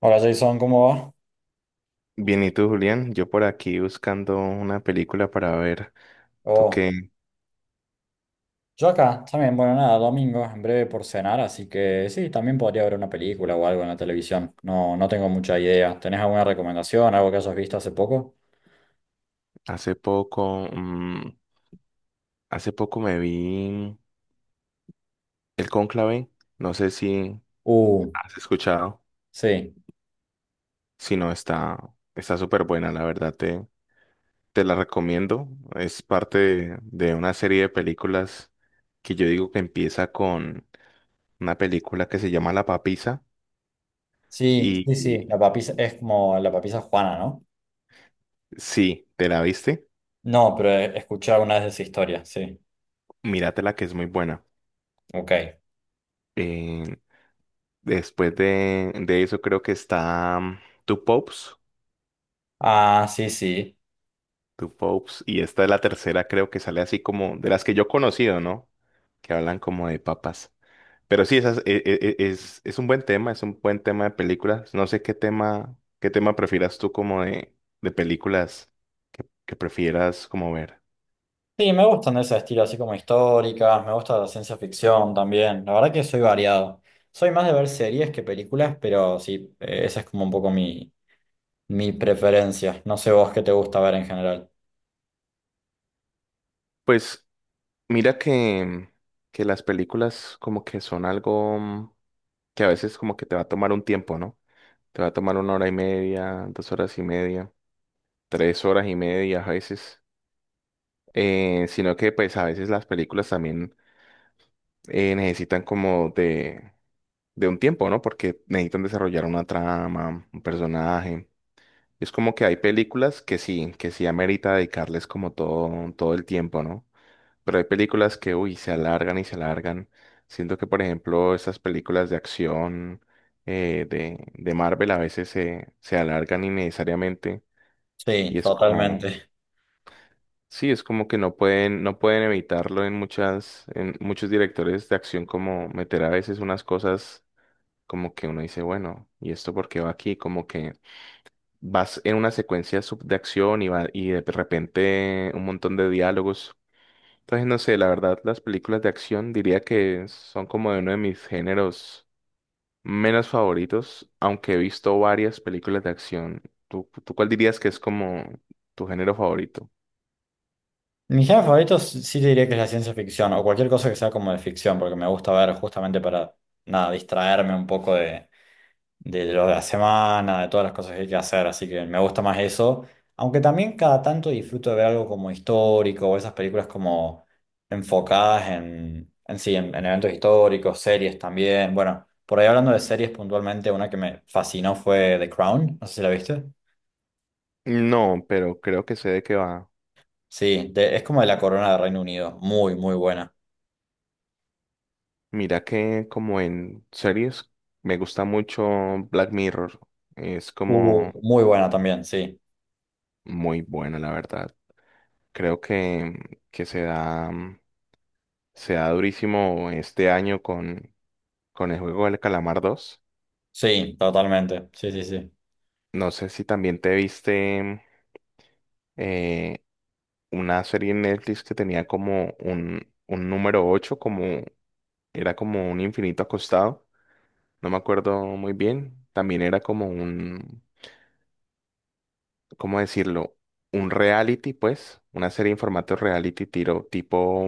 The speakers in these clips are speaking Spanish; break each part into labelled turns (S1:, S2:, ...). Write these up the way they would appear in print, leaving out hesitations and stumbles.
S1: Hola Jason, ¿cómo va?
S2: Bien, ¿y tú, Julián? Yo por aquí buscando una película para ver. Tú
S1: Oh,
S2: que
S1: yo acá, también, bueno, nada, domingo, en breve por cenar, así que sí, también podría ver una película o algo en la televisión. No, no tengo mucha idea. ¿Tenés alguna recomendación, algo que hayas visto hace poco?
S2: hace hace poco me vi El Cónclave. No sé si
S1: Uh,
S2: has escuchado.
S1: sí,
S2: Si no, está súper buena, la verdad. Te la recomiendo. Es parte de una serie de películas que yo digo que empieza con una película que se llama La Papisa.
S1: sí,
S2: Y,
S1: sí, sí,
S2: y
S1: la papisa es como la papisa Juana, ¿no?
S2: sí, ¿te la viste?
S1: No, pero he escuchado una vez esa historia, sí.
S2: Míratela que es muy buena.
S1: Ok.
S2: Eh, Después de eso creo que está Two Popes,
S1: Ah, sí, sí.
S2: Two Popes, y esta es la tercera creo que sale así como de las que yo he conocido, ¿no? Que hablan como de papas. Pero sí, esas, e- e- e- es un buen tema, es un buen tema de películas. No sé qué qué tema prefieras tú como de películas que prefieras como ver.
S1: Sí, me gustan de ese estilo, así como históricas, me gusta la ciencia ficción también. La verdad que soy variado. Soy más de ver series que películas, pero sí, esa es como un poco mi, mi preferencia. No sé vos qué te gusta ver en general.
S2: Pues mira que las películas como que son algo que a veces como que te va a tomar un tiempo, ¿no? Te va a tomar una hora y media, dos horas y media, tres horas y media a veces, sino que pues a veces las películas también necesitan como de un tiempo, ¿no? Porque necesitan desarrollar una trama, un personaje. Es como que hay películas que sí amerita dedicarles como todo el tiempo, ¿no? Pero hay películas que, uy, se alargan y se alargan. Siento que, por ejemplo, estas películas de acción de Marvel a veces se alargan innecesariamente y
S1: Sí,
S2: es como,
S1: totalmente.
S2: sí, es como que no no pueden evitarlo en en muchos directores de acción, como meter a veces unas cosas como que uno dice, bueno, ¿y esto por qué va aquí? Como que vas en una de acción y va, y de repente un montón de diálogos. Entonces, no sé, la verdad, las películas de acción diría que son como de uno de mis géneros menos favoritos, aunque he visto varias películas de acción. Tú cuál dirías que es como tu género favorito?
S1: Mi género favorito sí te diría que es la ciencia ficción o cualquier cosa que sea como de ficción, porque me gusta ver justamente para, nada, distraerme un poco de lo de la semana, de todas las cosas que hay que hacer, así que me gusta más eso. Aunque también cada tanto disfruto de ver algo como histórico, o esas películas como enfocadas en sí, en eventos históricos, series también. Bueno, por ahí hablando de series puntualmente, una que me fascinó fue The Crown, no sé si la viste.
S2: No, pero creo que sé de qué va.
S1: Sí, de- es como de la corona de Reino Unido, muy, muy buena.
S2: Mira que como en series me gusta mucho Black Mirror. Es como
S1: Muy buena también, sí.
S2: muy buena, la verdad. Creo que se se da durísimo este año con el juego del Calamar dos.
S1: Sí, totalmente. Sí, sí, sí.
S2: No sé si también te viste eh, una serie en Netflix que tenía como un número ocho, como era como un infinito acostado. No me acuerdo muy bien. También era como un, ¿cómo decirlo? Un reality, pues, una serie en formato reality tiro, tipo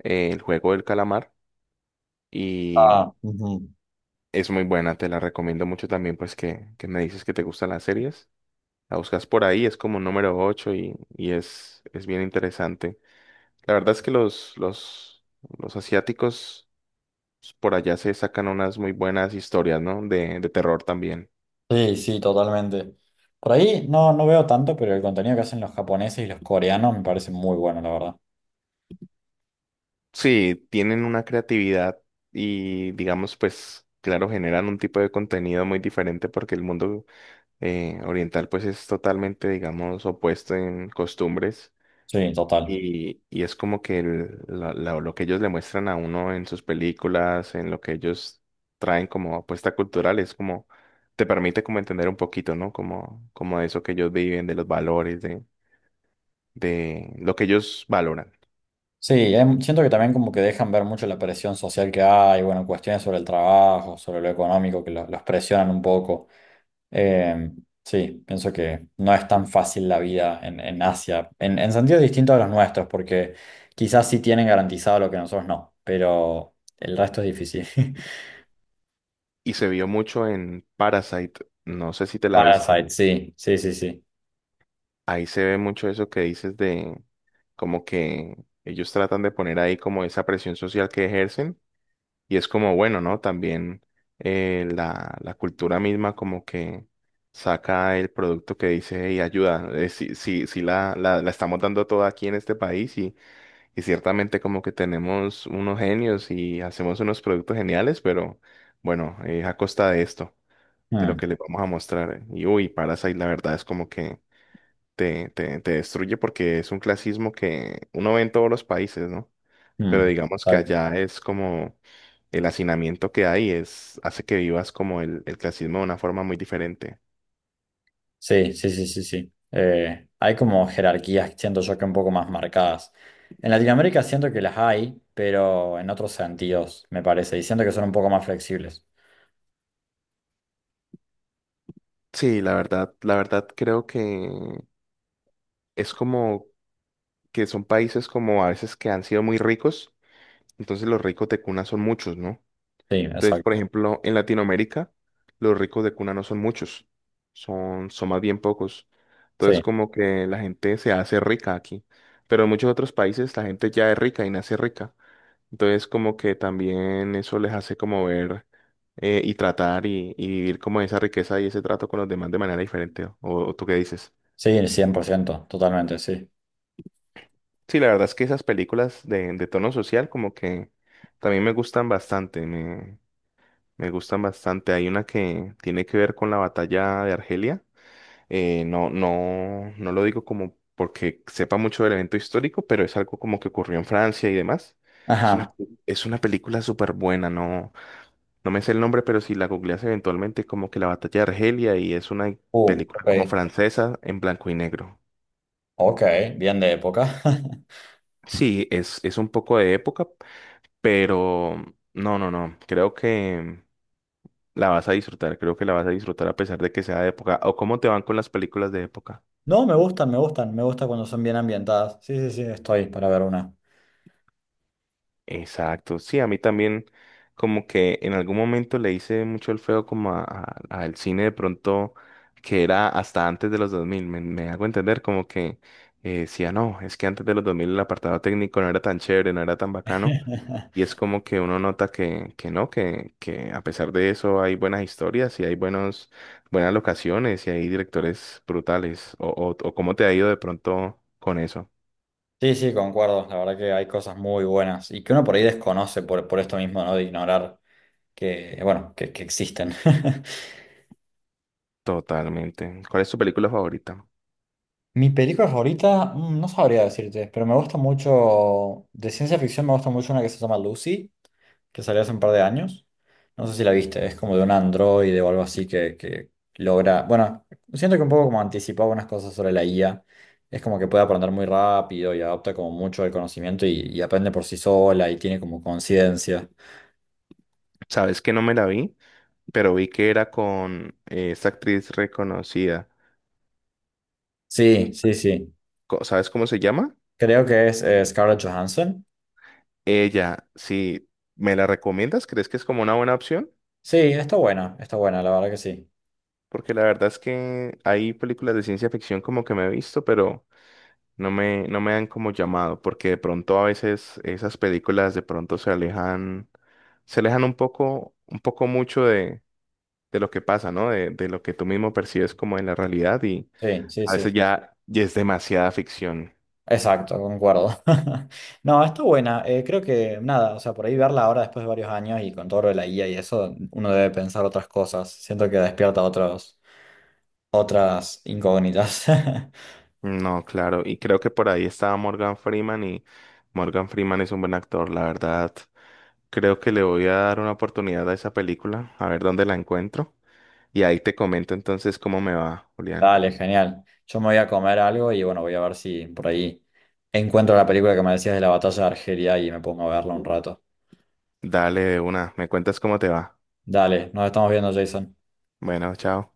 S2: El juego del calamar. Y
S1: Ah, ujú.
S2: es muy buena, te la recomiendo mucho también, pues, que me dices que te gustan las series. La buscas por ahí, es como número 8 y es bien interesante. La verdad es que los asiáticos pues, por allá se sacan unas muy buenas historias, ¿no? De terror también.
S1: Sí, sí, totalmente. Por ahí no, no veo tanto, pero el contenido que hacen los japoneses y los coreanos me parece muy bueno, la verdad.
S2: Sí, tienen una creatividad y digamos, pues, claro, generan un tipo de contenido muy diferente porque el mundo oriental pues es totalmente, digamos, opuesto en costumbres
S1: Sí, total.
S2: y es como que lo que ellos le muestran a uno en sus películas, en lo que ellos traen como apuesta cultural, es como, te permite como entender un poquito, ¿no? Como, como de eso que ellos viven, de los valores, de lo que ellos valoran.
S1: Sí, siento que también como que dejan ver mucho la presión social que hay, bueno, cuestiones sobre el trabajo, sobre lo económico, que los presionan un poco. Eh, sí, pienso que no es tan fácil la vida en Asia, en sentidos distintos a los nuestros, porque quizás sí tienen garantizado lo que nosotros no, pero el resto es difícil.
S2: Y se vio mucho en Parasite, no sé si te la viste.
S1: Parasite, sí, sí, sí, sí.
S2: Ahí se ve mucho eso que dices de como que ellos tratan de poner ahí como esa presión social que ejercen y es como bueno, ¿no? También la, la cultura misma como que saca el producto que dice, y ayuda, sí, sí, sí la estamos dando toda aquí en este país y ciertamente como que tenemos unos genios y hacemos unos productos geniales, pero bueno, a costa de esto, de lo
S1: Mm.
S2: que les vamos a mostrar. Eh. Y uy, Parasite, la verdad es como que te destruye porque es un clasismo que uno ve en todos los países, ¿no? Pero
S1: Mm,
S2: digamos que
S1: exacto.
S2: allá es como el hacinamiento que hay, es, hace que vivas como el clasismo de una forma muy diferente.
S1: Sí, sí, sí, sí, sí. Hay como jerarquías, siento yo que un poco más marcadas. En Latinoamérica siento que las hay, pero en otros sentidos, me parece, y siento que son un poco más flexibles.
S2: Sí, la verdad creo que es como que son países como a veces que han sido muy ricos, entonces los ricos de cuna son muchos, ¿no?
S1: Sí,
S2: Entonces, por
S1: exacto.
S2: ejemplo, en Latinoamérica, los ricos de cuna no son muchos, son más bien pocos. Entonces,
S1: Sí,
S2: como que la gente se hace rica aquí, pero en muchos otros países la gente ya es rica y nace rica. Entonces, como que también eso les hace como ver y tratar y vivir como esa riqueza y ese trato con los demás de manera diferente. O tú qué dices?
S1: sí, 100% totalmente, sí.
S2: Sí, la verdad es que esas películas de tono social como que también me gustan bastante. Me gustan bastante. Hay una que tiene que ver con la batalla de Argelia. No lo digo como porque sepa mucho del evento histórico, pero es algo como que ocurrió en Francia y demás. Es una,
S1: Ajá.
S2: es una película súper buena, no, no me sé el nombre, pero si la googleas eventualmente, como que la batalla de Argelia, y es una película como
S1: Ok.
S2: francesa en blanco y negro.
S1: Ok, bien de época.
S2: Sí, es un poco de época, pero no, no, no. creo que la vas a disfrutar, creo que la vas a disfrutar a pesar de que sea de época. ¿O cómo te van con las películas de época?
S1: No, me gustan, me gustan, me gusta cuando son bien ambientadas. Sí, sí, sí, estoy para ver una.
S2: Exacto, sí, a mí también como que en algún momento le hice mucho el feo como al cine de pronto que era hasta antes de los 2000, me hago entender como que decía, no, es que antes de los 2000 el apartado técnico no era tan chévere, no era tan bacano. Y es como que uno nota que no, que a pesar de eso hay buenas historias y hay buenas locaciones y hay directores brutales. O cómo te ha ido de pronto con eso.
S1: Sí, sí, concuerdo. La verdad que hay cosas muy buenas y que uno por ahí desconoce por esto mismo, ¿no? De ignorar que, bueno, que existen.
S2: Totalmente. ¿Cuál es tu película favorita?
S1: Mi película favorita, mm, no sabría decirte, pero me gusta mucho, de ciencia ficción me gusta mucho una que se llama Lucy, que salió hace un par de años. No sé si la viste, es como de un androide o algo así que logra, bueno, siento que un poco como anticipaba unas cosas sobre la IA. Es como que puede aprender muy rápido y adopta como mucho el conocimiento y aprende por sí sola y tiene como conciencia.
S2: Sabes que no me la vi, pero vi que era con esta actriz reconocida.
S1: Sí, sí, sí.
S2: ¿Sabes cómo se llama?
S1: Creo que es Scarlett Johansson.
S2: Ella, si me la recomiendas, ¿crees que es como una buena opción?
S1: Sí, está buena, la verdad que sí.
S2: Porque la verdad es que hay películas de ciencia ficción como que me he visto, pero... no me han como llamado, porque de pronto a veces esas películas de pronto se alejan un poco mucho de lo que pasa, ¿no? De lo que tú mismo percibes como en la realidad y
S1: Sí, sí,
S2: a
S1: sí.
S2: veces ya es demasiada ficción.
S1: Exacto, concuerdo. No, está buena. Creo que nada, o sea, por ahí verla ahora después de varios años y con todo lo de la guía y eso, uno debe pensar otras cosas. Siento que despierta otros, otras incógnitas.
S2: No, claro, y creo que por ahí estaba Morgan Freeman y Morgan Freeman es un buen actor, la verdad. Creo que le voy a dar una oportunidad a esa película, a ver dónde la encuentro y ahí te comento entonces cómo me va, Julián.
S1: Dale, genial. Yo me voy a comer algo y bueno, voy a ver si por ahí encuentro la película que me decías de la batalla de Argelia y me pongo a verla un rato.
S2: Dale de una, me cuentas cómo te va.
S1: Dale, nos estamos viendo, Jason.
S2: Bueno, chao.